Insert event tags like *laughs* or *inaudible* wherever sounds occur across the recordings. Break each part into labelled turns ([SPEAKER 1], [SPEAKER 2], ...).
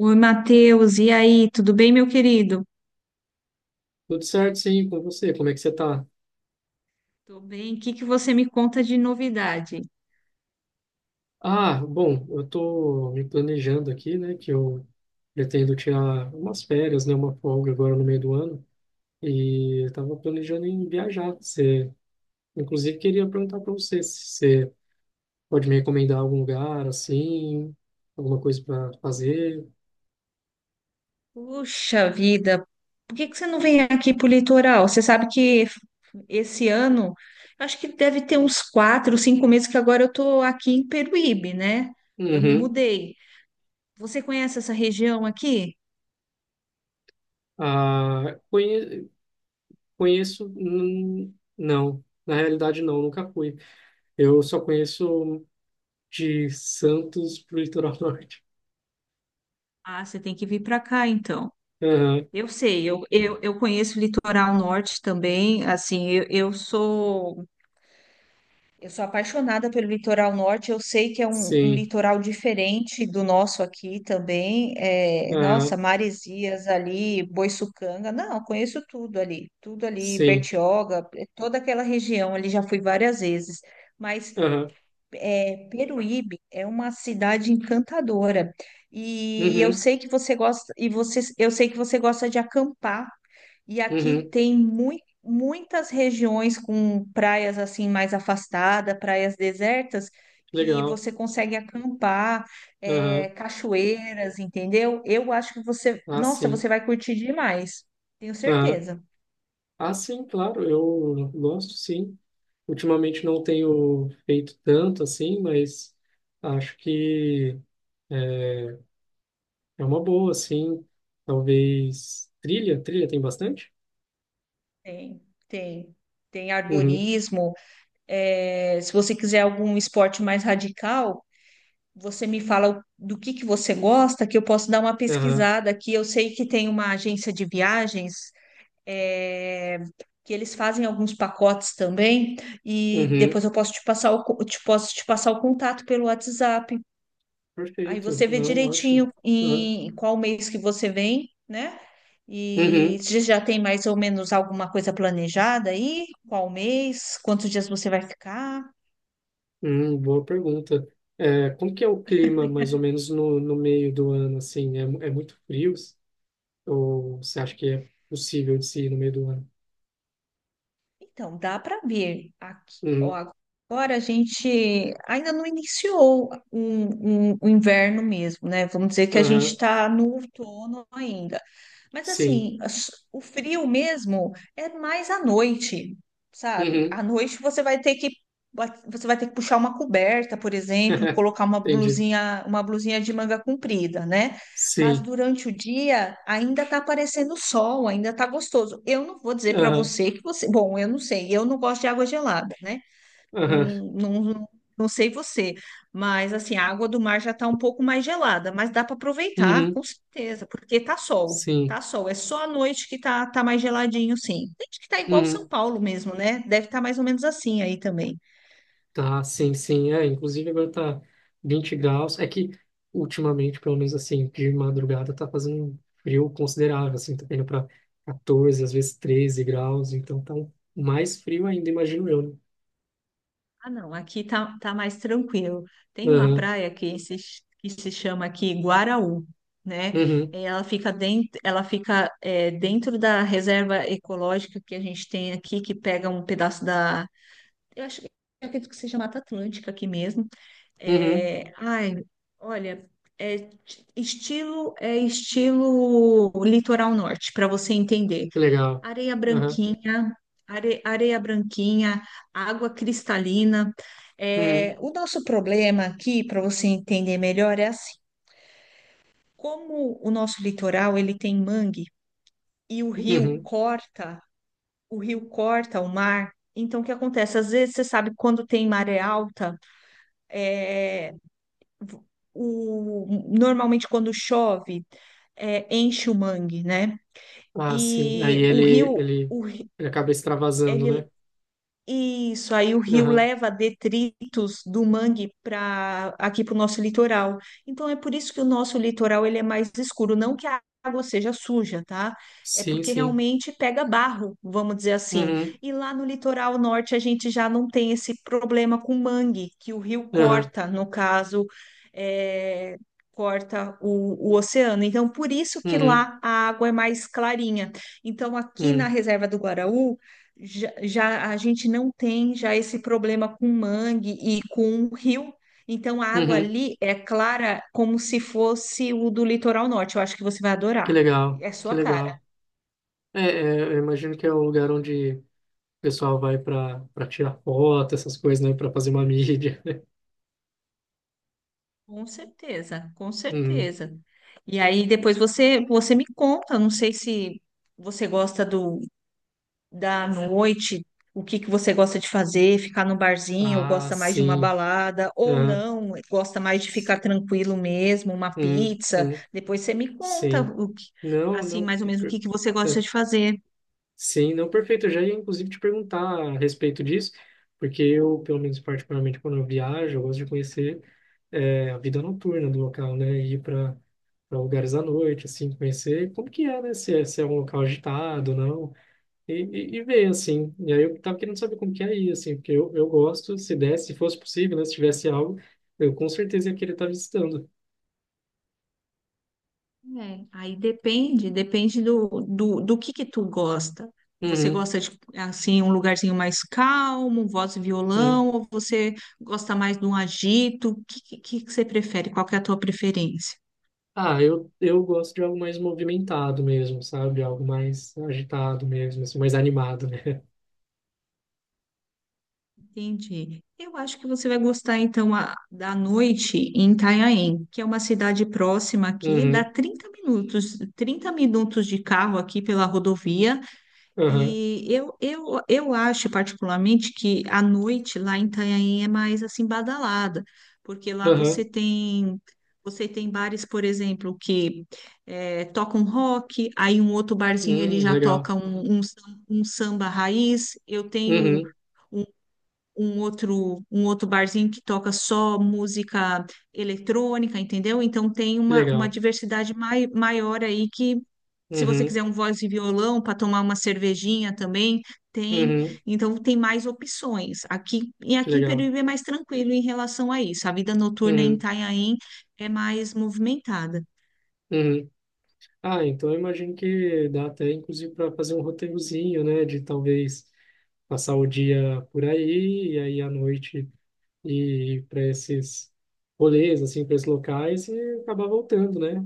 [SPEAKER 1] Oi, Matheus, e aí, tudo bem, meu querido?
[SPEAKER 2] Tudo certo, sim, com você? Como é que você tá?
[SPEAKER 1] Tô bem. O que que você me conta de novidade?
[SPEAKER 2] Ah, bom, eu tô me planejando aqui, né, que eu pretendo tirar umas férias, né, uma folga agora no meio do ano, e eu tava planejando em viajar. Você, inclusive, queria perguntar para você se você pode me recomendar algum lugar, assim, alguma coisa para fazer.
[SPEAKER 1] Puxa vida, por que que você não vem aqui pro litoral? Você sabe que esse ano, eu acho que deve ter uns 4, 5 meses que agora eu tô aqui em Peruíbe, né? Eu me
[SPEAKER 2] Uhum.
[SPEAKER 1] mudei. Você conhece essa região aqui?
[SPEAKER 2] Ah, conheço, não, na realidade não, nunca fui. Eu só conheço de Santos pro litoral *laughs* norte.
[SPEAKER 1] Ah, você tem que vir para cá, então.
[SPEAKER 2] Aham,
[SPEAKER 1] Eu sei, eu conheço o litoral norte também, assim. Eu sou apaixonada pelo litoral norte, eu sei que é um
[SPEAKER 2] sim,
[SPEAKER 1] litoral diferente do nosso aqui também. É, nossa,
[SPEAKER 2] aham,
[SPEAKER 1] Maresias ali, Boiçucanga, não, conheço tudo ali,
[SPEAKER 2] sim,
[SPEAKER 1] Bertioga, toda aquela região ali já fui várias vezes. Mas
[SPEAKER 2] aham,
[SPEAKER 1] é, Peruíbe é uma cidade encantadora e,
[SPEAKER 2] uhum,
[SPEAKER 1] eu sei que você gosta de acampar. E aqui
[SPEAKER 2] uhum,
[SPEAKER 1] tem muitas regiões com praias assim mais afastadas, praias desertas, que
[SPEAKER 2] legal,
[SPEAKER 1] você consegue acampar,
[SPEAKER 2] aham,
[SPEAKER 1] é, cachoeiras, entendeu? Eu acho que você,
[SPEAKER 2] ah,
[SPEAKER 1] nossa,
[SPEAKER 2] sim,
[SPEAKER 1] você vai curtir demais, tenho
[SPEAKER 2] aham,
[SPEAKER 1] certeza.
[SPEAKER 2] ah, sim, claro, eu gosto, sim. Ultimamente não tenho feito tanto, assim, mas acho que é, é uma boa, assim, talvez trilha, trilha tem bastante?
[SPEAKER 1] Tem, tem. Tem
[SPEAKER 2] Uhum,
[SPEAKER 1] arborismo. É, se você quiser algum esporte mais radical, você me fala o- do que você gosta, que eu posso dar uma
[SPEAKER 2] aham,
[SPEAKER 1] pesquisada aqui. Eu sei que tem uma agência de viagens é, que eles fazem alguns pacotes também, e
[SPEAKER 2] uhum,
[SPEAKER 1] depois eu posso te passar o contato pelo WhatsApp. Aí
[SPEAKER 2] perfeito,
[SPEAKER 1] você vê
[SPEAKER 2] não, ótimo,
[SPEAKER 1] direitinho
[SPEAKER 2] aham,
[SPEAKER 1] em qual mês que você vem, né? E
[SPEAKER 2] uhum.
[SPEAKER 1] se já tem mais ou menos alguma coisa planejada aí? Qual mês? Quantos dias você vai ficar?
[SPEAKER 2] Boa pergunta. É, como que é o clima, mais ou menos, no meio do ano, assim? É, é muito frio? Ou você acha que é possível de se ir no meio do ano?
[SPEAKER 1] Então, dá para ver aqui. Ó,
[SPEAKER 2] Uhum,
[SPEAKER 1] agora a gente ainda não iniciou o inverno mesmo, né? Vamos dizer que a gente
[SPEAKER 2] aham,
[SPEAKER 1] está no outono ainda. Mas
[SPEAKER 2] sim.
[SPEAKER 1] assim, o frio mesmo é mais à noite, sabe?
[SPEAKER 2] Uhum,
[SPEAKER 1] À noite você vai ter que puxar uma coberta, por exemplo,
[SPEAKER 2] *laughs*
[SPEAKER 1] colocar
[SPEAKER 2] entendi.
[SPEAKER 1] uma blusinha de manga comprida, né? Mas
[SPEAKER 2] Sim.
[SPEAKER 1] durante o dia ainda tá aparecendo sol, ainda tá gostoso. Eu não vou dizer para
[SPEAKER 2] Aham,
[SPEAKER 1] você que você. Bom, eu não sei, eu não gosto de água gelada, né? Não,
[SPEAKER 2] aham,
[SPEAKER 1] não, não sei você, mas assim, a água do mar já tá um pouco mais gelada, mas dá para aproveitar,
[SPEAKER 2] uhum,
[SPEAKER 1] com certeza, porque tá sol,
[SPEAKER 2] sim.
[SPEAKER 1] tá sol. É só à noite que tá mais geladinho, sim. Tem que tá igual
[SPEAKER 2] Uhum.
[SPEAKER 1] São Paulo mesmo, né? Deve estar mais ou menos assim aí também.
[SPEAKER 2] Tá, sim, sim. É, inclusive agora tá 20 graus. É que ultimamente, pelo menos assim, de madrugada tá fazendo um frio considerável, assim, tá indo para 14, às vezes 13 graus, então mais frio ainda, imagino eu, né?
[SPEAKER 1] Ah, não, aqui tá mais tranquilo. Tem uma
[SPEAKER 2] Aham,
[SPEAKER 1] praia que se chama aqui Guaraú, né?
[SPEAKER 2] uhum,
[SPEAKER 1] Ela fica dentro da reserva ecológica que a gente tem aqui, que pega um pedaço da. Eu acho que eu acredito que seja Mata Atlântica aqui mesmo.
[SPEAKER 2] uhum,
[SPEAKER 1] É, ai, olha, é t- estilo é estilo litoral norte, para você entender.
[SPEAKER 2] que legal.
[SPEAKER 1] Areia
[SPEAKER 2] Aham,
[SPEAKER 1] branquinha, areia branquinha, água cristalina.
[SPEAKER 2] uhum,
[SPEAKER 1] É, o nosso problema aqui, para você entender melhor, é assim: como o nosso litoral ele tem mangue e o rio
[SPEAKER 2] uhum.
[SPEAKER 1] corta, o rio corta o mar. Então, o que acontece? Às vezes, você sabe, quando tem maré alta, é, o, normalmente quando chove, é, enche o mangue, né?
[SPEAKER 2] Ah, sim. Aí
[SPEAKER 1] E o rio,
[SPEAKER 2] ele,
[SPEAKER 1] o, ri-
[SPEAKER 2] ele acaba extravasando,
[SPEAKER 1] ele,
[SPEAKER 2] né?
[SPEAKER 1] Isso, aí o rio
[SPEAKER 2] Aham,
[SPEAKER 1] leva detritos do mangue para aqui para o nosso litoral. Então é por isso que o nosso litoral ele é mais escuro, não que a água seja suja, tá? É
[SPEAKER 2] sim,
[SPEAKER 1] porque
[SPEAKER 2] sim.
[SPEAKER 1] realmente pega barro, vamos dizer assim.
[SPEAKER 2] Uhum,
[SPEAKER 1] E lá no litoral norte a gente já não tem esse problema com mangue, que o rio
[SPEAKER 2] aham,
[SPEAKER 1] corta, no caso, é, corta o oceano. Então por isso que
[SPEAKER 2] uhum,
[SPEAKER 1] lá a água é mais clarinha. Então aqui na
[SPEAKER 2] uhum,
[SPEAKER 1] reserva do Guaraú já, já a gente não tem já esse problema com mangue e com rio. Então a água
[SPEAKER 2] uhum.
[SPEAKER 1] ali é clara como se fosse o do litoral norte. Eu acho que você vai
[SPEAKER 2] Que
[SPEAKER 1] adorar.
[SPEAKER 2] legal,
[SPEAKER 1] É
[SPEAKER 2] que
[SPEAKER 1] sua cara.
[SPEAKER 2] legal. É, eu imagino que é o lugar onde o pessoal vai para tirar foto, essas coisas, né? Para fazer uma mídia. *laughs*
[SPEAKER 1] Com certeza, com
[SPEAKER 2] Uhum.
[SPEAKER 1] certeza. E aí depois você me conta, não sei se você gosta do da noite, o que que você gosta de fazer, ficar no barzinho, ou
[SPEAKER 2] Ah,
[SPEAKER 1] gosta mais de uma
[SPEAKER 2] sim.
[SPEAKER 1] balada, ou
[SPEAKER 2] Aham.
[SPEAKER 1] não, gosta mais de ficar tranquilo mesmo, uma
[SPEAKER 2] Uhum.
[SPEAKER 1] pizza.
[SPEAKER 2] Uhum.
[SPEAKER 1] Depois você me conta
[SPEAKER 2] Sim.
[SPEAKER 1] o que,
[SPEAKER 2] Não,
[SPEAKER 1] assim,
[SPEAKER 2] não.
[SPEAKER 1] mais ou menos o
[SPEAKER 2] per-
[SPEAKER 1] que que você gosta
[SPEAKER 2] É.
[SPEAKER 1] de fazer.
[SPEAKER 2] Sim, não, perfeito. Eu já ia, inclusive, te perguntar a respeito disso, porque eu, pelo menos particularmente, quando eu viajo, eu gosto de conhecer a vida noturna do local, né? Ir para lugares à noite, assim, conhecer como que é, né? Se é um local agitado, não. E ver, assim. E aí eu tava querendo saber como que é isso assim, porque eu gosto, se desse, se fosse possível, né, se tivesse algo, eu com certeza ia querer estar visitando.
[SPEAKER 1] É. Aí depende do que tu gosta. Você
[SPEAKER 2] Uhum,
[SPEAKER 1] gosta de, assim, um lugarzinho mais calmo, voz e
[SPEAKER 2] uhum.
[SPEAKER 1] violão, ou você gosta mais de um agito? O que que você prefere? Qual que é a tua preferência?
[SPEAKER 2] Ah, eu gosto de algo mais movimentado mesmo, sabe? Algo mais agitado mesmo, assim, mais animado, né? *laughs*
[SPEAKER 1] Entendi. Eu acho que você vai gostar, então, da noite em Itanhaém, que é uma cidade próxima aqui, dá
[SPEAKER 2] Uhum,
[SPEAKER 1] 30 minutos, 30 minutos de carro aqui pela rodovia.
[SPEAKER 2] aham,
[SPEAKER 1] E eu acho, particularmente, que a noite lá em Itanhaém é mais, assim, badalada, porque lá você
[SPEAKER 2] aham,
[SPEAKER 1] tem... Você tem bares, por exemplo, que tocam rock, aí um outro barzinho ele já
[SPEAKER 2] legal.
[SPEAKER 1] toca um samba raiz. Eu tenho
[SPEAKER 2] Uhum,
[SPEAKER 1] um outro barzinho que toca só música eletrônica, entendeu? Então tem
[SPEAKER 2] que
[SPEAKER 1] uma
[SPEAKER 2] legal.
[SPEAKER 1] diversidade maior aí que, se você
[SPEAKER 2] Uhum,
[SPEAKER 1] quiser um voz e violão para tomar uma cervejinha também, tem.
[SPEAKER 2] uhum,
[SPEAKER 1] Então tem mais opções. Aqui, e
[SPEAKER 2] que
[SPEAKER 1] aqui em
[SPEAKER 2] legal.
[SPEAKER 1] Peruíbe é mais tranquilo em relação a isso. A vida noturna em
[SPEAKER 2] Uhum,
[SPEAKER 1] Itanhaém é mais movimentada.
[SPEAKER 2] uhum. Ah, então eu imagino que dá até, inclusive, para fazer um roteirozinho, né, de talvez passar o dia por aí e aí à noite ir para esses rolês, assim, para esses locais e acabar voltando, né?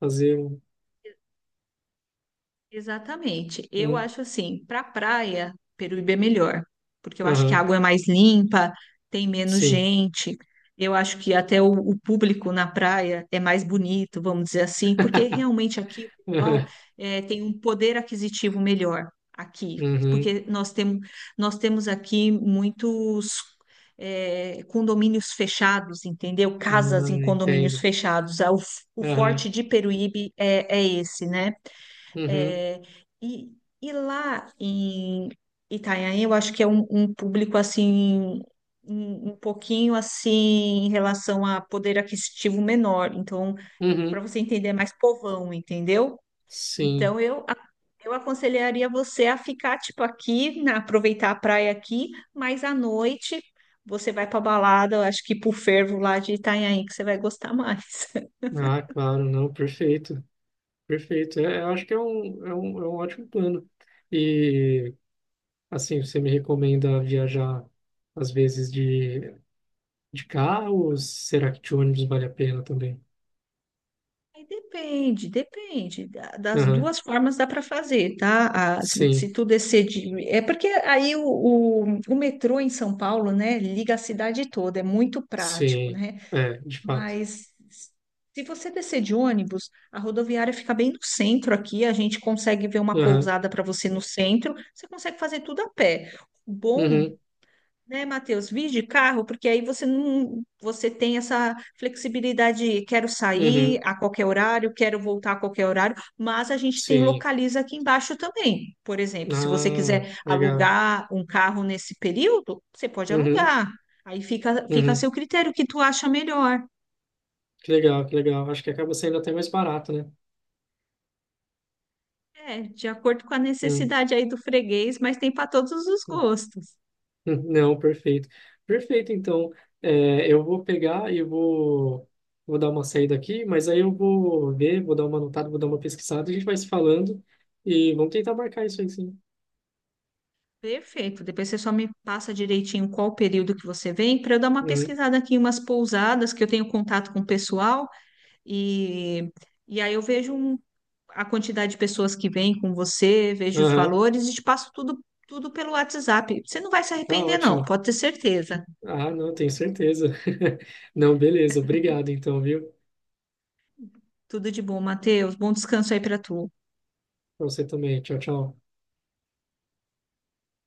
[SPEAKER 2] Fazer um.
[SPEAKER 1] Exatamente. Eu
[SPEAKER 2] um-
[SPEAKER 1] acho assim, para praia, Peruíbe é melhor, porque eu acho que a
[SPEAKER 2] Aham,
[SPEAKER 1] água é mais limpa, tem menos
[SPEAKER 2] sim.
[SPEAKER 1] gente. Eu acho que até o público na praia é mais bonito, vamos dizer assim, porque realmente aqui o pessoal
[SPEAKER 2] *laughs*
[SPEAKER 1] tem um poder aquisitivo melhor aqui,
[SPEAKER 2] Aham, uhum,
[SPEAKER 1] porque nós temos aqui muitos condomínios fechados, entendeu?
[SPEAKER 2] ah,
[SPEAKER 1] Casas em condomínios
[SPEAKER 2] entendo.
[SPEAKER 1] fechados. Ah, O
[SPEAKER 2] Aham,
[SPEAKER 1] forte de Peruíbe é esse, né?
[SPEAKER 2] uhum,
[SPEAKER 1] É, e, lá em Itanhaém, eu acho que é um público assim, um pouquinho assim em relação a poder aquisitivo menor. Então, para
[SPEAKER 2] uhum,
[SPEAKER 1] você entender, é mais povão, entendeu?
[SPEAKER 2] sim.
[SPEAKER 1] Então, eu aconselharia você a ficar tipo aqui, aproveitar a praia aqui, mas à noite você vai para balada, eu acho que pro fervo lá de Itanhaém, que você vai gostar *laughs* mais.
[SPEAKER 2] Ah, claro, não, perfeito, perfeito. É, eu acho que é um ótimo plano. E, assim, você me recomenda viajar, às vezes, de carro ou será que de ônibus vale a pena também?
[SPEAKER 1] Aí depende, depende. Das
[SPEAKER 2] Aham,
[SPEAKER 1] duas formas dá para fazer, tá? Ah, se,
[SPEAKER 2] sim,
[SPEAKER 1] se tu descer de. É porque aí o metrô em São Paulo, né, liga a cidade toda, é muito prático,
[SPEAKER 2] sim,
[SPEAKER 1] né?
[SPEAKER 2] é, de fato.
[SPEAKER 1] Mas se você descer de ônibus, a rodoviária fica bem no centro aqui, a gente consegue ver uma
[SPEAKER 2] Aham,
[SPEAKER 1] pousada para você no centro, você consegue fazer tudo a pé. O bom
[SPEAKER 2] uhum,
[SPEAKER 1] né, Matheus? Vir de carro, porque aí você não, você tem essa flexibilidade, de quero sair
[SPEAKER 2] uhum,
[SPEAKER 1] a qualquer horário, quero voltar a qualquer horário, mas a gente tem
[SPEAKER 2] sim.
[SPEAKER 1] localiza aqui embaixo também. Por exemplo, se você
[SPEAKER 2] Ah,
[SPEAKER 1] quiser
[SPEAKER 2] legal.
[SPEAKER 1] alugar um carro nesse período, você pode
[SPEAKER 2] Uhum,
[SPEAKER 1] alugar. Aí fica, fica a
[SPEAKER 2] uhum,
[SPEAKER 1] seu critério, o que tu acha melhor.
[SPEAKER 2] que legal, que legal. Acho que acaba saindo até mais barato, né?
[SPEAKER 1] É, de acordo com a
[SPEAKER 2] Hum,
[SPEAKER 1] necessidade aí do freguês, mas tem para todos os
[SPEAKER 2] hum,
[SPEAKER 1] gostos.
[SPEAKER 2] Não, perfeito. Perfeito, então, eu vou pegar e vou dar uma saída aqui, mas aí eu vou ver, vou dar uma anotada, vou dar uma pesquisada, a gente vai se falando e vamos tentar marcar isso aí, sim.
[SPEAKER 1] Perfeito. Depois você só me passa direitinho qual o período que você vem, para eu dar uma
[SPEAKER 2] Uhum,
[SPEAKER 1] pesquisada aqui em umas pousadas que eu tenho contato com o pessoal e, e aí eu vejo a quantidade de pessoas que vêm com você, vejo os
[SPEAKER 2] aham.
[SPEAKER 1] valores e te passo tudo, tudo pelo WhatsApp. Você não vai se
[SPEAKER 2] Tá
[SPEAKER 1] arrepender, não,
[SPEAKER 2] ótimo.
[SPEAKER 1] pode ter certeza.
[SPEAKER 2] Ah, não, tenho certeza. *laughs* Não, beleza. Obrigado, então, viu?
[SPEAKER 1] Tudo de bom, Matheus. Bom descanso aí para tu.
[SPEAKER 2] Pra você também. Tchau, tchau.